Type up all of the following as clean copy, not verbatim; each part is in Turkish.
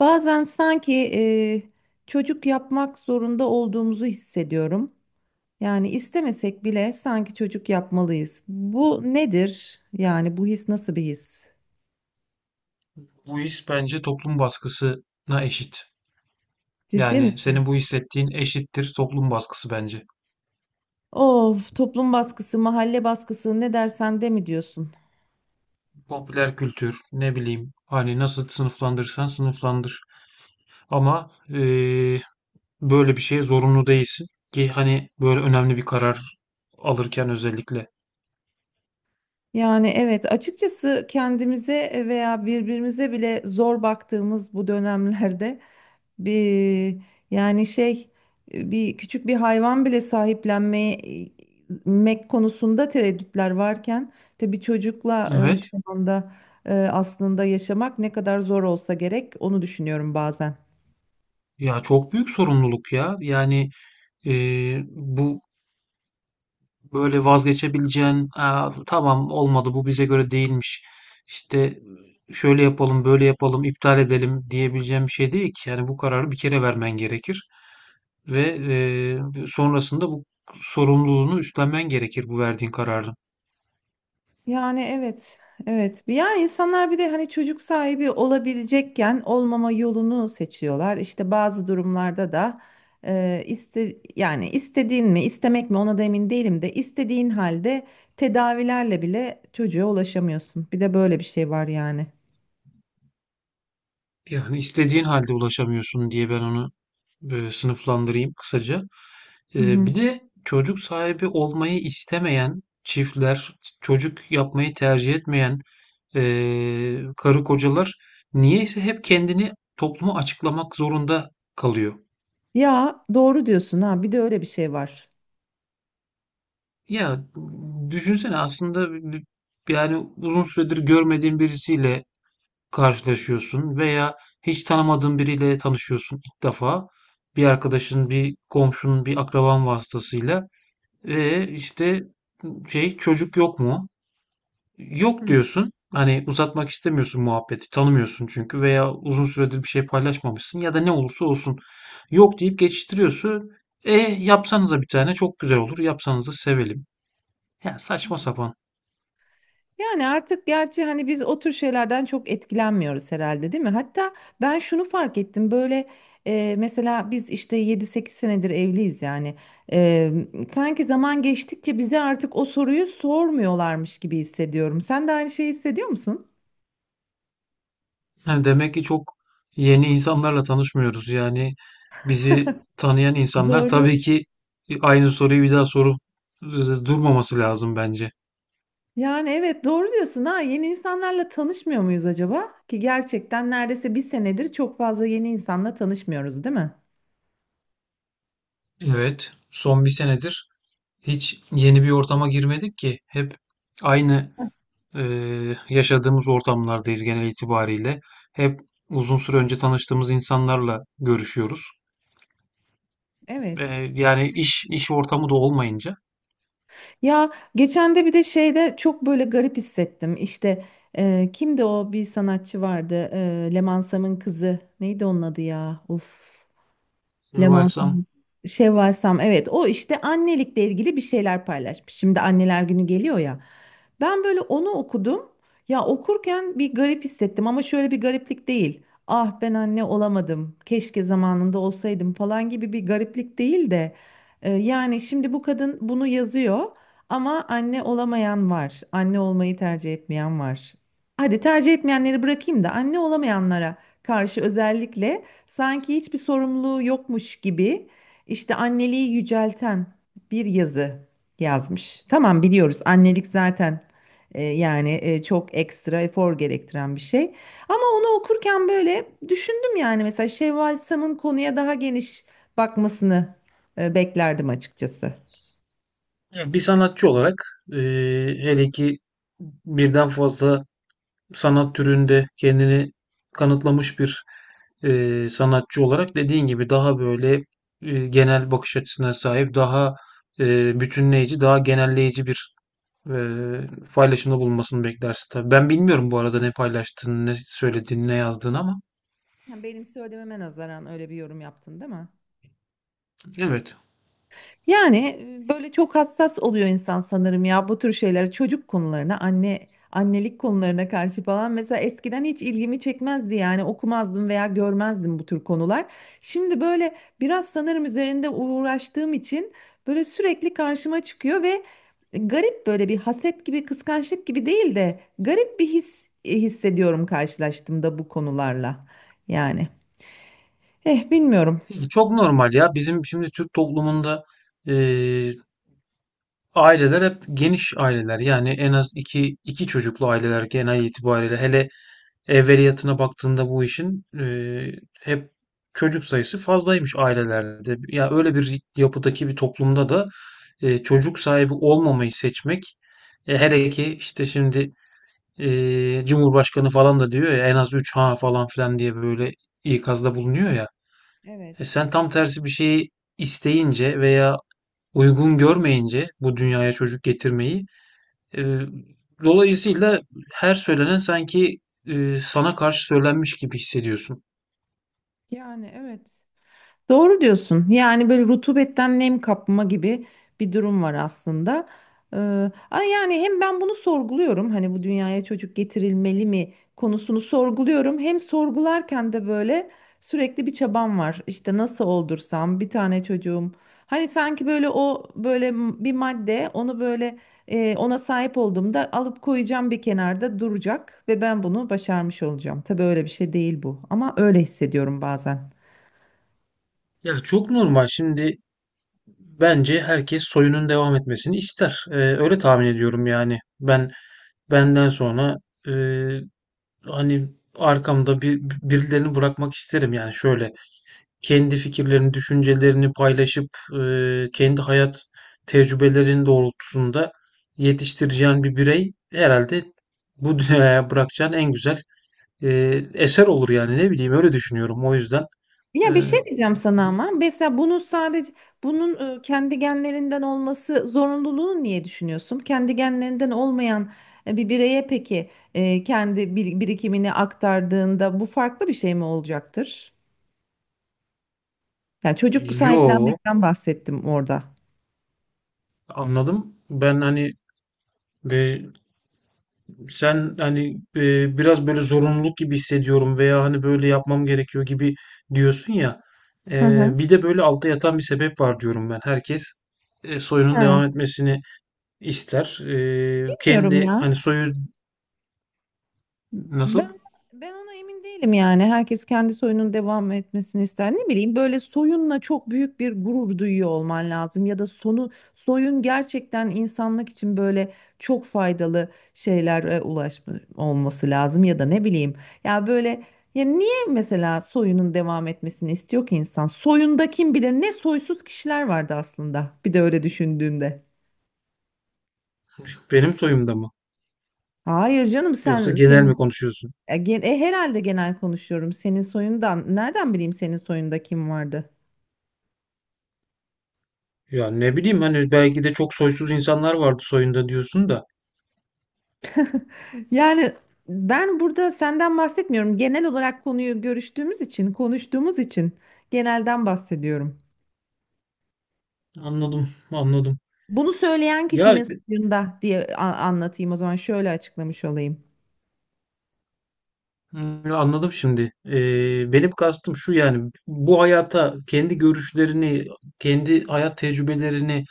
Bazen sanki çocuk yapmak zorunda olduğumuzu hissediyorum. Yani istemesek bile sanki çocuk yapmalıyız. Bu nedir? Yani bu his nasıl bir his? Bu his bence toplum baskısına eşit. Ciddi Yani misin? senin bu hissettiğin eşittir toplum baskısı bence. Of, toplum baskısı, mahalle baskısı ne dersen de mi diyorsun? Popüler kültür, ne bileyim, hani nasıl sınıflandırırsan sınıflandır. Ama böyle bir şeye zorunlu değilsin ki hani böyle önemli bir karar alırken özellikle. Yani evet, açıkçası kendimize veya birbirimize bile zor baktığımız bu dönemlerde Bir, yani şey, bir küçük bir hayvan bile sahiplenmek konusunda tereddütler varken tabii çocukla Evet. şu anda aslında yaşamak ne kadar zor olsa gerek onu düşünüyorum bazen. Ya çok büyük sorumluluk ya. Yani e, bu böyle vazgeçebileceğin, "Aa, tamam olmadı, bu bize göre değilmiş. İşte şöyle yapalım, böyle yapalım, iptal edelim," diyebileceğim bir şey değil ki. Yani bu kararı bir kere vermen gerekir ve sonrasında bu sorumluluğunu üstlenmen gerekir, bu verdiğin kararın. Yani evet, evet. Yani insanlar bir de hani çocuk sahibi olabilecekken olmama yolunu seçiyorlar. İşte bazı durumlarda da yani istediğin mi, istemek mi ona da emin değilim de istediğin halde tedavilerle bile çocuğa ulaşamıyorsun. Bir de böyle bir şey var yani. Yani istediğin halde ulaşamıyorsun diye ben onu böyle sınıflandırayım kısaca. Hı hı. Bir de çocuk sahibi olmayı istemeyen çiftler, çocuk yapmayı tercih etmeyen karı kocalar niyeyse hep kendini topluma açıklamak zorunda kalıyor. Ya doğru diyorsun ha. Bir de öyle bir şey var. Ya düşünsene, aslında yani uzun süredir görmediğin birisiyle karşılaşıyorsun veya hiç tanımadığın biriyle tanışıyorsun ilk defa. Bir arkadaşın, bir komşunun, bir akraban vasıtasıyla ve işte, şey, çocuk yok mu? Yok diyorsun. Hani uzatmak istemiyorsun muhabbeti. Tanımıyorsun çünkü, veya uzun süredir bir şey paylaşmamışsın ya da ne olursa olsun. Yok deyip geçiştiriyorsun. E yapsanıza, bir tane çok güzel olur. Yapsanıza, sevelim. Ya, saçma sapan. Yani artık gerçi hani biz o tür şeylerden çok etkilenmiyoruz herhalde değil mi? Hatta ben şunu fark ettim böyle, mesela biz işte 7-8 senedir evliyiz yani. E, sanki zaman geçtikçe bize artık o soruyu sormuyorlarmış gibi hissediyorum. Sen de aynı şeyi hissediyor musun? Yani demek ki çok yeni insanlarla tanışmıyoruz. Yani bizi tanıyan insanlar Doğru. tabii ki aynı soruyu bir daha sorup e, durmaması lazım bence. Yani evet doğru diyorsun ha, yeni insanlarla tanışmıyor muyuz acaba? Ki gerçekten neredeyse bir senedir çok fazla yeni insanla tanışmıyoruz değil mi? Evet, son bir senedir hiç yeni bir ortama girmedik ki. Hep aynı e, yaşadığımız ortamlardayız genel itibariyle. Hep uzun süre önce tanıştığımız insanlarla görüşüyoruz. E, Evet. Yani iş ortamı da olmayınca. Ya geçen de bir de şeyde çok böyle garip hissettim. İşte kimdi o, bir sanatçı vardı? Leman Sam'ın kızı. Neydi onun adı ya? Of. Varsam. Lemansin, Şevval Sam, evet o işte annelikle ilgili bir şeyler paylaşmış. Şimdi anneler günü geliyor ya. Ben böyle onu okudum. Ya okurken bir garip hissettim, ama şöyle bir gariplik değil. Ah, ben anne olamadım, keşke zamanında olsaydım falan gibi bir gariplik değil de, yani şimdi bu kadın bunu yazıyor ama anne olamayan var. Anne olmayı tercih etmeyen var. Hadi tercih etmeyenleri bırakayım da anne olamayanlara karşı özellikle sanki hiçbir sorumluluğu yokmuş gibi, işte anneliği yücelten bir yazı yazmış. Tamam, biliyoruz annelik zaten çok ekstra efor gerektiren bir şey. Ama onu okurken böyle düşündüm, yani mesela Şevval Sam'ın konuya daha geniş bakmasını beklerdim açıkçası. Ya, bir sanatçı olarak, e, hele ki birden fazla sanat türünde kendini kanıtlamış bir sanatçı olarak, dediğin gibi, daha böyle genel bakış açısına sahip, daha bütünleyici, daha genelleyici bir e, paylaşımda bulunmasını beklersin tabii. Ben bilmiyorum bu arada ne paylaştığını, ne söylediğini, ne yazdığını, ama Yani benim söylememe nazaran öyle bir yorum yaptın değil mi? evet. Yani böyle çok hassas oluyor insan sanırım ya, bu tür şeylere, çocuk konularına, anne annelik konularına karşı falan. Mesela eskiden hiç ilgimi çekmezdi, yani okumazdım veya görmezdim bu tür konular. Şimdi böyle biraz sanırım üzerinde uğraştığım için böyle sürekli karşıma çıkıyor ve garip, böyle bir haset gibi, kıskançlık gibi değil de garip bir his hissediyorum karşılaştığımda bu konularla, yani. Eh, bilmiyorum. Yani çok normal ya. Bizim şimdi Türk toplumunda e, aileler hep geniş aileler, yani en az iki çocuklu aileler genel itibariyle, hele evveliyatına baktığında bu işin, hep çocuk sayısı fazlaymış ailelerde. Ya öyle bir yapıdaki bir toplumda da çocuk sahibi olmamayı seçmek, hele ki işte şimdi Cumhurbaşkanı falan da diyor ya, en az 3 ha falan filan diye, böyle ikazda bulunuyor ya. E, Evet. sen tam tersi bir şeyi isteyince veya uygun görmeyince bu dünyaya çocuk getirmeyi, ee, dolayısıyla her söylenen sanki sana karşı söylenmiş gibi hissediyorsun. Yani evet. Doğru diyorsun. Yani böyle rutubetten nem kapma gibi bir durum var aslında. Ee, ama yani hem ben bunu sorguluyorum. Hani bu dünyaya çocuk getirilmeli mi konusunu sorguluyorum. Hem sorgularken de böyle sürekli bir çabam var. İşte nasıl oldursam bir tane çocuğum. Hani sanki böyle, o böyle bir madde, onu böyle ona sahip olduğumda alıp koyacağım, bir kenarda duracak ve ben bunu başarmış olacağım. Tabii öyle bir şey değil bu, ama öyle hissediyorum bazen. Ya çok normal. Şimdi bence herkes soyunun devam etmesini ister. Öyle tahmin ediyorum yani. Ben benden sonra, e, hani arkamda bir birilerini bırakmak isterim, yani şöyle kendi fikirlerini, düşüncelerini paylaşıp, e, kendi hayat tecrübelerinin doğrultusunda yetiştireceğin bir birey herhalde bu dünyaya bırakacağın en güzel e, eser olur yani. Ne bileyim, öyle düşünüyorum o yüzden. E, Ya bir şey diyeceğim sana ama, mesela bunu sadece bunun kendi genlerinden olması zorunluluğunu niye düşünüyorsun? Kendi genlerinden olmayan bir bireye peki kendi birikimini aktardığında bu farklı bir şey mi olacaktır? Yani çocuk yo, sahiplenmekten bahsettim orada. anladım. Ben hani, e, sen hani, biraz böyle zorunluluk gibi hissediyorum veya hani böyle yapmam gerekiyor gibi diyorsun ya. Hı hı. Bir de böyle altta yatan bir sebep var diyorum ben. Herkes soyunun Ha, devam etmesini ister. Bilmiyorum Kendi ya. hani soyu nasıl? Ben ben ona emin değilim yani. Herkes kendi soyunun devam etmesini ister. Ne bileyim, böyle soyunla çok büyük bir gurur duyuyor olman lazım, ya da sonu soyun gerçekten insanlık için böyle çok faydalı şeylere ulaşma olması lazım, ya da ne bileyim. Ya böyle, ya niye mesela soyunun devam etmesini istiyor ki insan? Soyunda kim bilir ne soysuz kişiler vardı aslında. Bir de öyle düşündüğünde. Benim soyumda mı? Hayır canım, Yoksa sen genel senin… mi konuşuyorsun? Herhalde genel konuşuyorum. Senin soyundan nereden bileyim, senin soyunda kim vardı? Ya ne bileyim, hani belki de çok soysuz insanlar vardı soyunda diyorsun da. Yani ben burada senden bahsetmiyorum. Genel olarak konuyu görüştüğümüz için, konuştuğumuz için genelden bahsediyorum. Anladım, anladım. Bunu söyleyen Ya, kişinin soyunda diye anlatayım, o zaman şöyle açıklamış olayım. Anladım şimdi. Benim kastım şu, yani bu hayata kendi görüşlerini, kendi hayat tecrübelerini,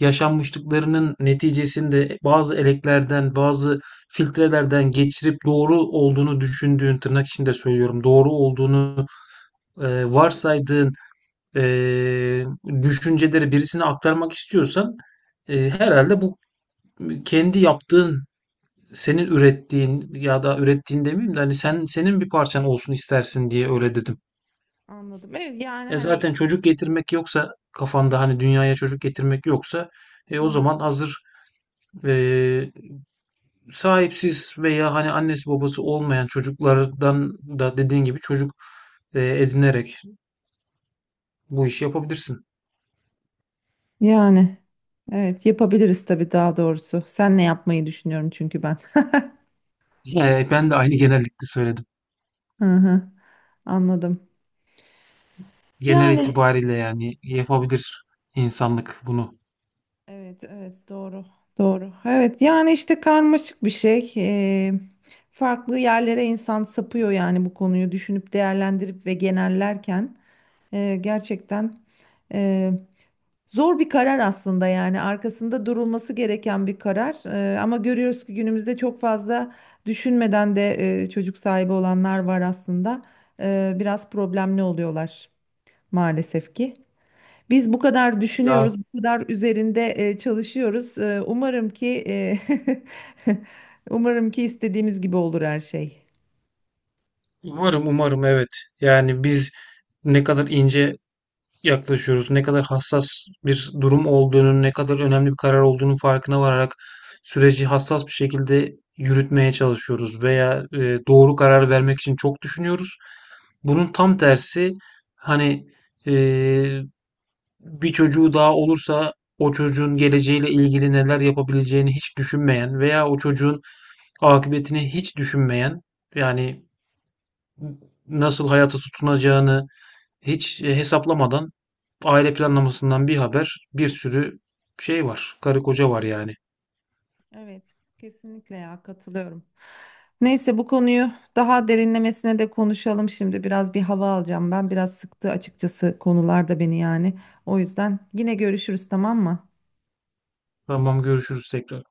yaşanmışlıklarının neticesinde bazı eleklerden, bazı filtrelerden geçirip doğru olduğunu düşündüğün, tırnak içinde söylüyorum, doğru olduğunu varsaydığın e, düşünceleri birisine aktarmak istiyorsan, herhalde bu kendi yaptığın, senin ürettiğin, ya da ürettiğin demeyeyim de, hani sen, senin bir parçan olsun istersin diye öyle dedim. Anladım. Evet yani hani. Zaten çocuk getirmek yoksa kafanda, hani dünyaya çocuk getirmek yoksa, Hı o hı. zaman hazır, e, sahipsiz veya hani annesi babası olmayan çocuklardan da, dediğin gibi, çocuk edinerek bu işi yapabilirsin. Yani evet, yapabiliriz tabii, daha doğrusu. Senle yapmayı düşünüyorum çünkü ben. Ben de aynı genellikle söyledim. Hı hı, anladım. Genel Yani itibariyle, yani yapabilir insanlık bunu. evet, evet doğru. Doğru. Evet yani işte karmaşık bir şey. Farklı yerlere insan sapıyor yani, bu konuyu düşünüp değerlendirip ve genellerken gerçekten e, zor bir karar aslında, yani arkasında durulması gereken bir karar. Ama görüyoruz ki günümüzde çok fazla düşünmeden de çocuk sahibi olanlar var aslında. Biraz problemli oluyorlar maalesef ki. Biz bu kadar düşünüyoruz, Ya bu kadar üzerinde çalışıyoruz. Umarım ki umarım ki istediğimiz gibi olur her şey. umarım, umarım, evet. Yani biz ne kadar ince yaklaşıyoruz. Ne kadar hassas bir durum olduğunun, ne kadar önemli bir karar olduğunun farkına vararak süreci hassas bir şekilde yürütmeye çalışıyoruz veya doğru karar vermek için çok düşünüyoruz. Bunun tam tersi, hani, e, bir çocuğu daha olursa o çocuğun geleceğiyle ilgili neler yapabileceğini hiç düşünmeyen veya o çocuğun akıbetini hiç düşünmeyen, yani nasıl hayata tutunacağını hiç, hesaplamadan, aile planlamasından bir haber, bir sürü şey var, karı koca var yani. Evet, kesinlikle ya, katılıyorum. Neyse, bu konuyu daha derinlemesine de konuşalım şimdi. Biraz bir hava alacağım. Ben biraz sıktı açıkçası konular da beni, yani. O yüzden yine görüşürüz, tamam mı? Tamam, görüşürüz tekrar.